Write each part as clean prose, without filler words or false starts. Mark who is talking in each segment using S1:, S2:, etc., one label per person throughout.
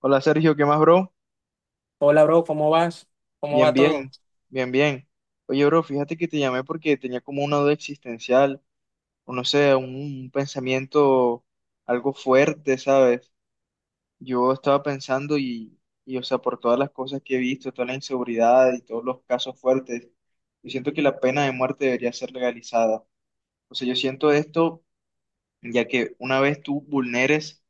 S1: Hola Sergio, ¿qué más, bro?
S2: Hola, bro, ¿cómo vas? ¿Cómo
S1: Bien,
S2: va todo?
S1: bien, bien, bien. Oye, bro, fíjate que te llamé porque tenía como una duda existencial, o no sé, un pensamiento algo fuerte, ¿sabes? Yo estaba pensando y o sea, por todas las cosas que he visto, toda la inseguridad y todos los casos fuertes, yo siento que la pena de muerte debería ser legalizada. O sea, yo siento esto ya que una vez tú vulneres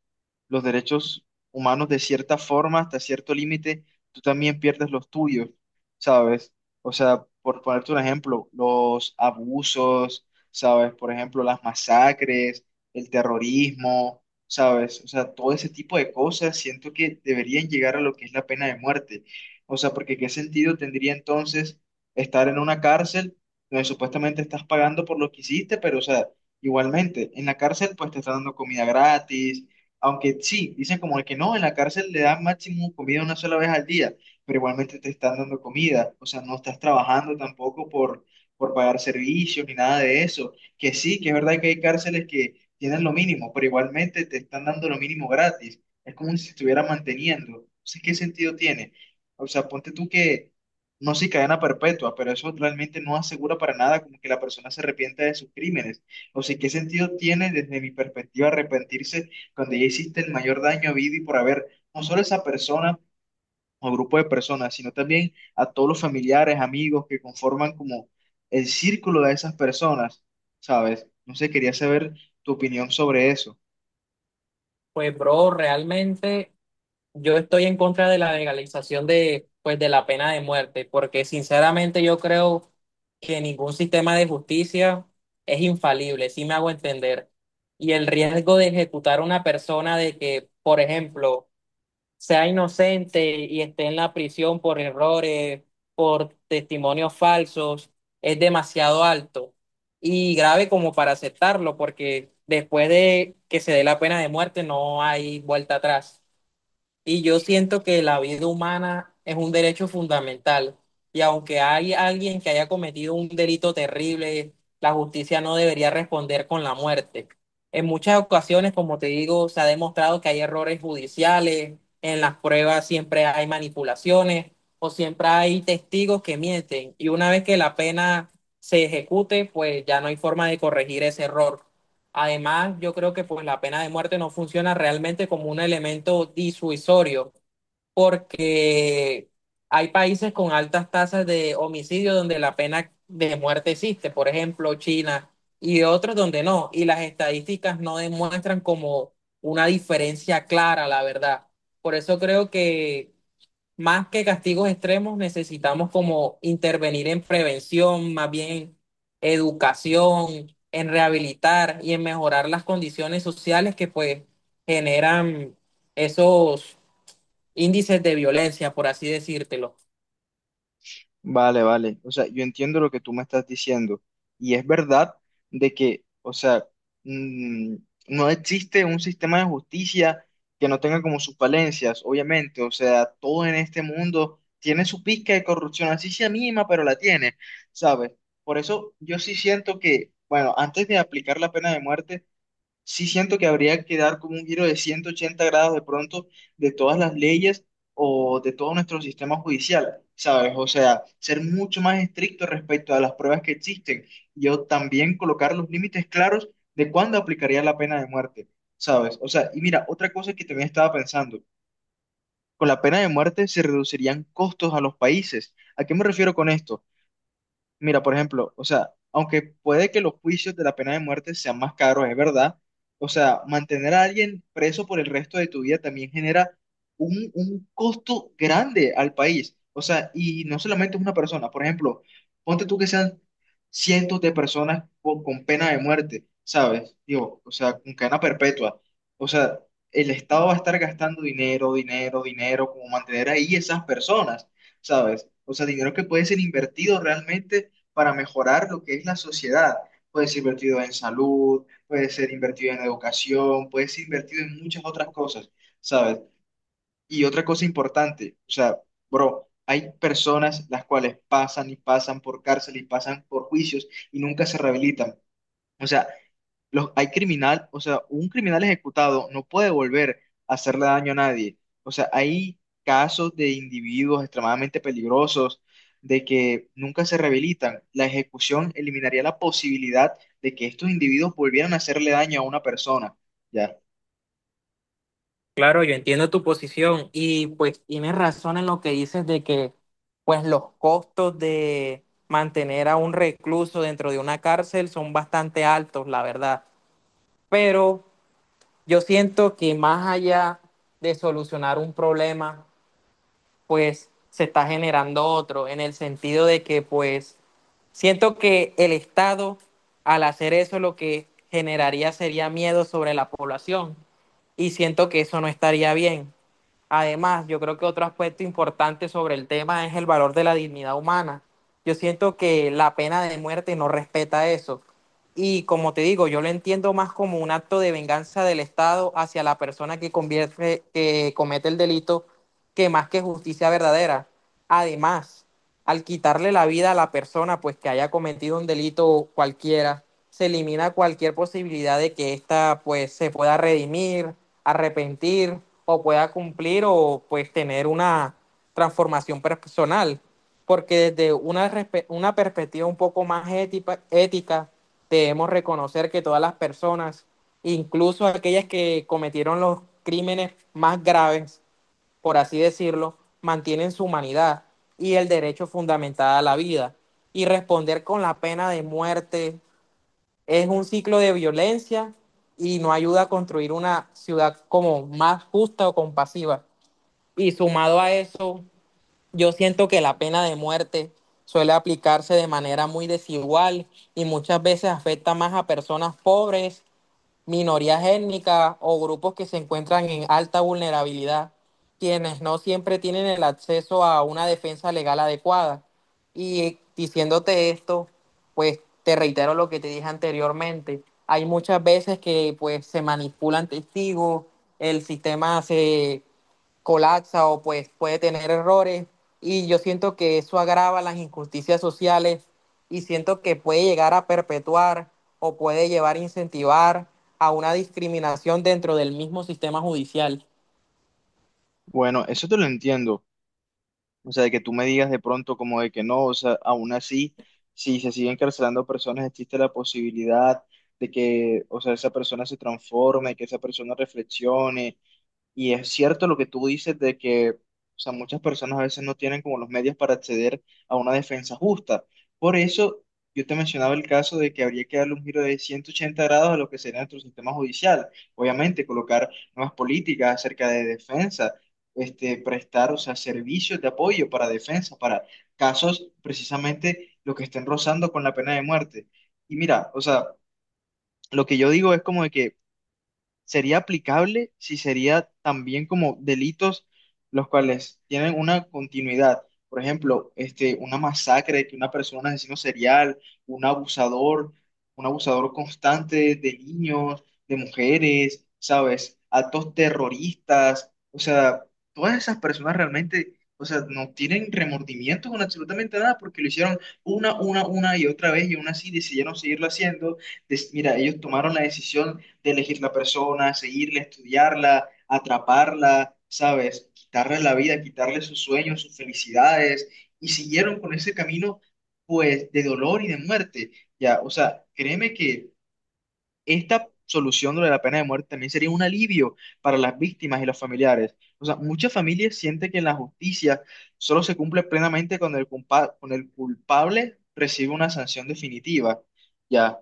S1: los derechos humanos de cierta forma, hasta cierto límite, tú también pierdes los tuyos, ¿sabes? O sea, por ponerte un ejemplo, los abusos, ¿sabes? Por ejemplo, las masacres, el terrorismo, ¿sabes? O sea, todo ese tipo de cosas siento que deberían llegar a lo que es la pena de muerte. O sea, porque ¿qué sentido tendría entonces estar en una cárcel donde supuestamente estás pagando por lo que hiciste, pero, o sea, igualmente, en la cárcel pues te están dando comida gratis aunque sí, dicen como de que no, en la cárcel le dan máximo comida una sola vez al día, pero igualmente te están dando comida, o sea, no estás trabajando tampoco por pagar servicios ni nada de eso. Que sí, que es verdad que hay cárceles que tienen lo mínimo, pero igualmente te están dando lo mínimo gratis. Es como si se estuviera manteniendo. Entonces, ¿qué sentido tiene? O sea, ponte tú que, no sé, si cadena perpetua, pero eso realmente no asegura para nada como que la persona se arrepienta de sus crímenes. O sea, ¿qué sentido tiene desde mi perspectiva arrepentirse? Cuando ya hiciste el mayor daño a vida y por haber, no solo a esa persona o grupo de personas, sino también a todos los familiares, amigos que conforman como el círculo de esas personas, ¿sabes? No sé, quería saber tu opinión sobre eso.
S2: Pues, bro, realmente yo estoy en contra de la legalización de, pues, de la pena de muerte, porque sinceramente yo creo que ningún sistema de justicia es infalible, si me hago entender. Y el riesgo de ejecutar a una persona de que, por ejemplo, sea inocente y esté en la prisión por errores, por testimonios falsos, es demasiado alto y grave como para aceptarlo, porque después de que se dé la pena de muerte no hay vuelta atrás. Y yo siento que la vida humana es un derecho fundamental. Y aunque hay alguien que haya cometido un delito terrible, la justicia no debería responder con la muerte. En muchas ocasiones, como te digo, se ha demostrado que hay errores judiciales, en las pruebas siempre hay manipulaciones o siempre hay testigos que mienten. Y una vez que la pena se ejecute, pues ya no hay forma de corregir ese error. Además, yo creo que pues la pena de muerte no funciona realmente como un elemento disuasorio, porque hay países con altas tasas de homicidio donde la pena de muerte existe, por ejemplo, China y otros donde no, y las estadísticas no demuestran como una diferencia clara, la verdad. Por eso creo que más que castigos extremos, necesitamos como intervenir en prevención, más bien educación, en rehabilitar y en mejorar las condiciones sociales que pues generan esos índices de violencia, por así decírtelo.
S1: Vale, vale. O sea, yo entiendo lo que tú me estás diciendo. Y es verdad de que, o sea, mm, no existe un sistema de justicia que no tenga como sus falencias, obviamente. O sea, todo en este mundo tiene su pizca de corrupción, así sea mínima, pero la tiene, ¿sabes? Por eso yo sí siento que, bueno, antes de aplicar la pena de muerte, sí siento que habría que dar como un giro de 180 grados de pronto de todas las leyes o de todo nuestro sistema judicial, ¿sabes? O sea, ser mucho más estricto respecto a las pruebas que existen. Yo también colocar los límites claros de cuándo aplicaría la pena de muerte, ¿sabes? O sea, y mira, otra cosa que también estaba pensando, con la pena de muerte se reducirían costos a los países. ¿A qué me refiero con esto? Mira, por ejemplo, o sea, aunque puede que los juicios de la pena de muerte sean más caros, es verdad, o sea, mantener a alguien preso por el resto de tu vida también genera un costo grande al país, o sea, y no solamente es una persona, por ejemplo, ponte tú que sean cientos de personas con pena de muerte, ¿sabes? Digo, o sea, con cadena perpetua, o sea, el Estado va a estar gastando dinero, dinero, dinero, como mantener ahí esas personas. ¿Sabes? O sea, dinero que puede ser invertido realmente para mejorar lo que es la sociedad. Puede ser invertido en salud, puede ser invertido en educación, puede ser invertido en muchas otras cosas, ¿sabes? Y otra cosa importante, o sea, bro, hay personas las cuales pasan y pasan por cárcel y pasan por juicios y nunca se rehabilitan. O sea, un criminal ejecutado no puede volver a hacerle daño a nadie. O sea, hay casos de individuos extremadamente peligrosos de que nunca se rehabilitan. La ejecución eliminaría la posibilidad de que estos individuos volvieran a hacerle daño a una persona. Ya.
S2: Claro, yo entiendo tu posición y pues tienes razón en lo que dices de que pues los costos de mantener a un recluso dentro de una cárcel son bastante altos, la verdad. Pero yo siento que más allá de solucionar un problema, pues se está generando otro, en el sentido de que pues siento que el Estado al hacer eso lo que generaría sería miedo sobre la población y siento que eso no estaría bien. Además, yo creo que otro aspecto importante sobre el tema es el valor de la dignidad humana. Yo siento que la pena de muerte no respeta eso. Y como te digo, yo lo entiendo más como un acto de venganza del Estado hacia la persona que convierte, que comete el delito, que más que justicia verdadera. Además, al quitarle la vida a la persona pues que haya cometido un delito cualquiera, se elimina cualquier posibilidad de que ésta pues se pueda redimir, arrepentir o pueda cumplir o pues tener una transformación personal, porque desde una perspectiva un poco más ética debemos reconocer que todas las personas, incluso aquellas que cometieron los crímenes más graves, por así decirlo, mantienen su humanidad y el derecho fundamental a la vida. Y responder con la pena de muerte es un ciclo de violencia y no ayuda a construir una ciudad como más justa o compasiva. Y sumado a eso, yo siento que la pena de muerte suele aplicarse de manera muy desigual y muchas veces afecta más a personas pobres, minorías étnicas o grupos que se encuentran en alta vulnerabilidad, quienes no siempre tienen el acceso a una defensa legal adecuada. Y diciéndote esto, pues te reitero lo que te dije anteriormente. Hay muchas veces que pues se manipulan testigos, el sistema se colapsa o pues puede tener errores y yo siento que eso agrava las injusticias sociales y siento que puede llegar a perpetuar o puede llevar a incentivar a una discriminación dentro del mismo sistema judicial.
S1: Bueno, eso te lo entiendo. O sea, de que tú me digas de pronto como de que no, o sea, aún así, si se siguen encarcelando personas, existe la posibilidad de que, o sea, esa persona se transforme, que esa persona reflexione. Y es cierto lo que tú dices de que, o sea, muchas personas a veces no tienen como los medios para acceder a una defensa justa. Por eso yo te mencionaba el caso de que habría que darle un giro de 180 grados a lo que sería nuestro sistema judicial. Obviamente, colocar nuevas políticas acerca de defensa, este, prestar, o sea, servicios de apoyo para defensa, para casos precisamente los que estén rozando con la pena de muerte. Y mira, o sea, lo que yo digo es como de que sería aplicable si sería también como delitos los cuales tienen una continuidad. Por ejemplo, este, una masacre, que una persona, un asesino serial, un abusador, un abusador constante de niños, de mujeres, ¿sabes? Actos terroristas, o sea, todas esas personas realmente, o sea, no tienen remordimiento con absolutamente nada porque lo hicieron una y otra vez y aún así decidieron seguirlo haciendo. Mira, ellos tomaron la decisión de elegir la persona, seguirla, estudiarla, atraparla, ¿sabes? Quitarle la vida, quitarle sus sueños, sus felicidades, y siguieron con ese camino, pues, de dolor y de muerte, ¿ya? O sea, créeme que esta solución de la pena de muerte también sería un alivio para las víctimas y los familiares. O sea, muchas familias sienten que la justicia solo se cumple plenamente cuando cuando el culpable recibe una sanción definitiva, ¿ya?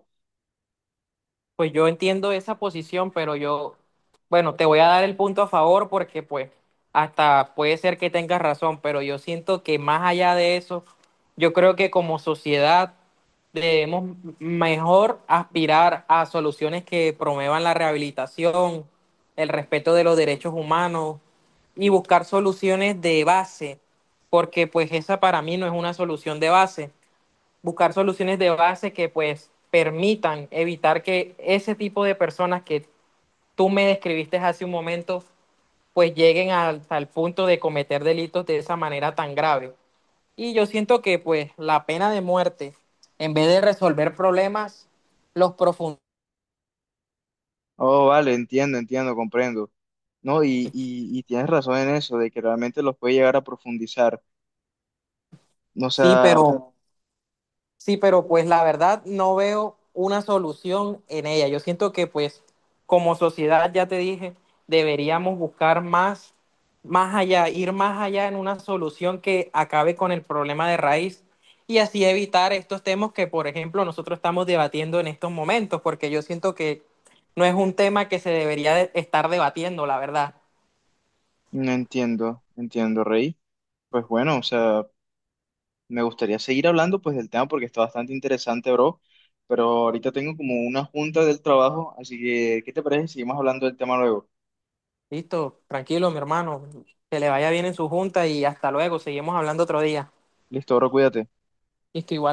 S2: Pues yo entiendo esa posición, pero yo, bueno, te voy a dar el punto a favor porque pues hasta puede ser que tengas razón, pero yo siento que más allá de eso, yo creo que como sociedad debemos mejor aspirar a soluciones que promuevan la rehabilitación, el respeto de los derechos humanos y buscar soluciones de base, porque pues esa para mí no es una solución de base. Buscar soluciones de base que pues permitan evitar que ese tipo de personas que tú me describiste hace un momento pues lleguen hasta el punto de cometer delitos de esa manera tan grave. Y yo siento que pues la pena de muerte, en vez de resolver problemas, los profundiza.
S1: Oh, vale, entiendo, entiendo, comprendo. No, y tienes razón en eso, de que realmente los puede llegar a profundizar. O
S2: Sí,
S1: sea,
S2: pero sí, pero pues la verdad no veo una solución en ella. Yo siento que pues como sociedad, ya te dije, deberíamos buscar más, más allá, ir más allá en una solución que acabe con el problema de raíz y así evitar estos temas que, por ejemplo, nosotros estamos debatiendo en estos momentos, porque yo siento que no es un tema que se debería de- estar debatiendo, la verdad.
S1: no entiendo, entiendo, Rey. Pues bueno, o sea, me gustaría seguir hablando pues del tema porque está bastante interesante, bro. Pero ahorita tengo como una junta del trabajo, así que, ¿qué te parece si seguimos hablando del tema luego?
S2: Listo, tranquilo, mi hermano. Que le vaya bien en su junta y hasta luego. Seguimos hablando otro día.
S1: Listo, bro, cuídate.
S2: Listo, igual.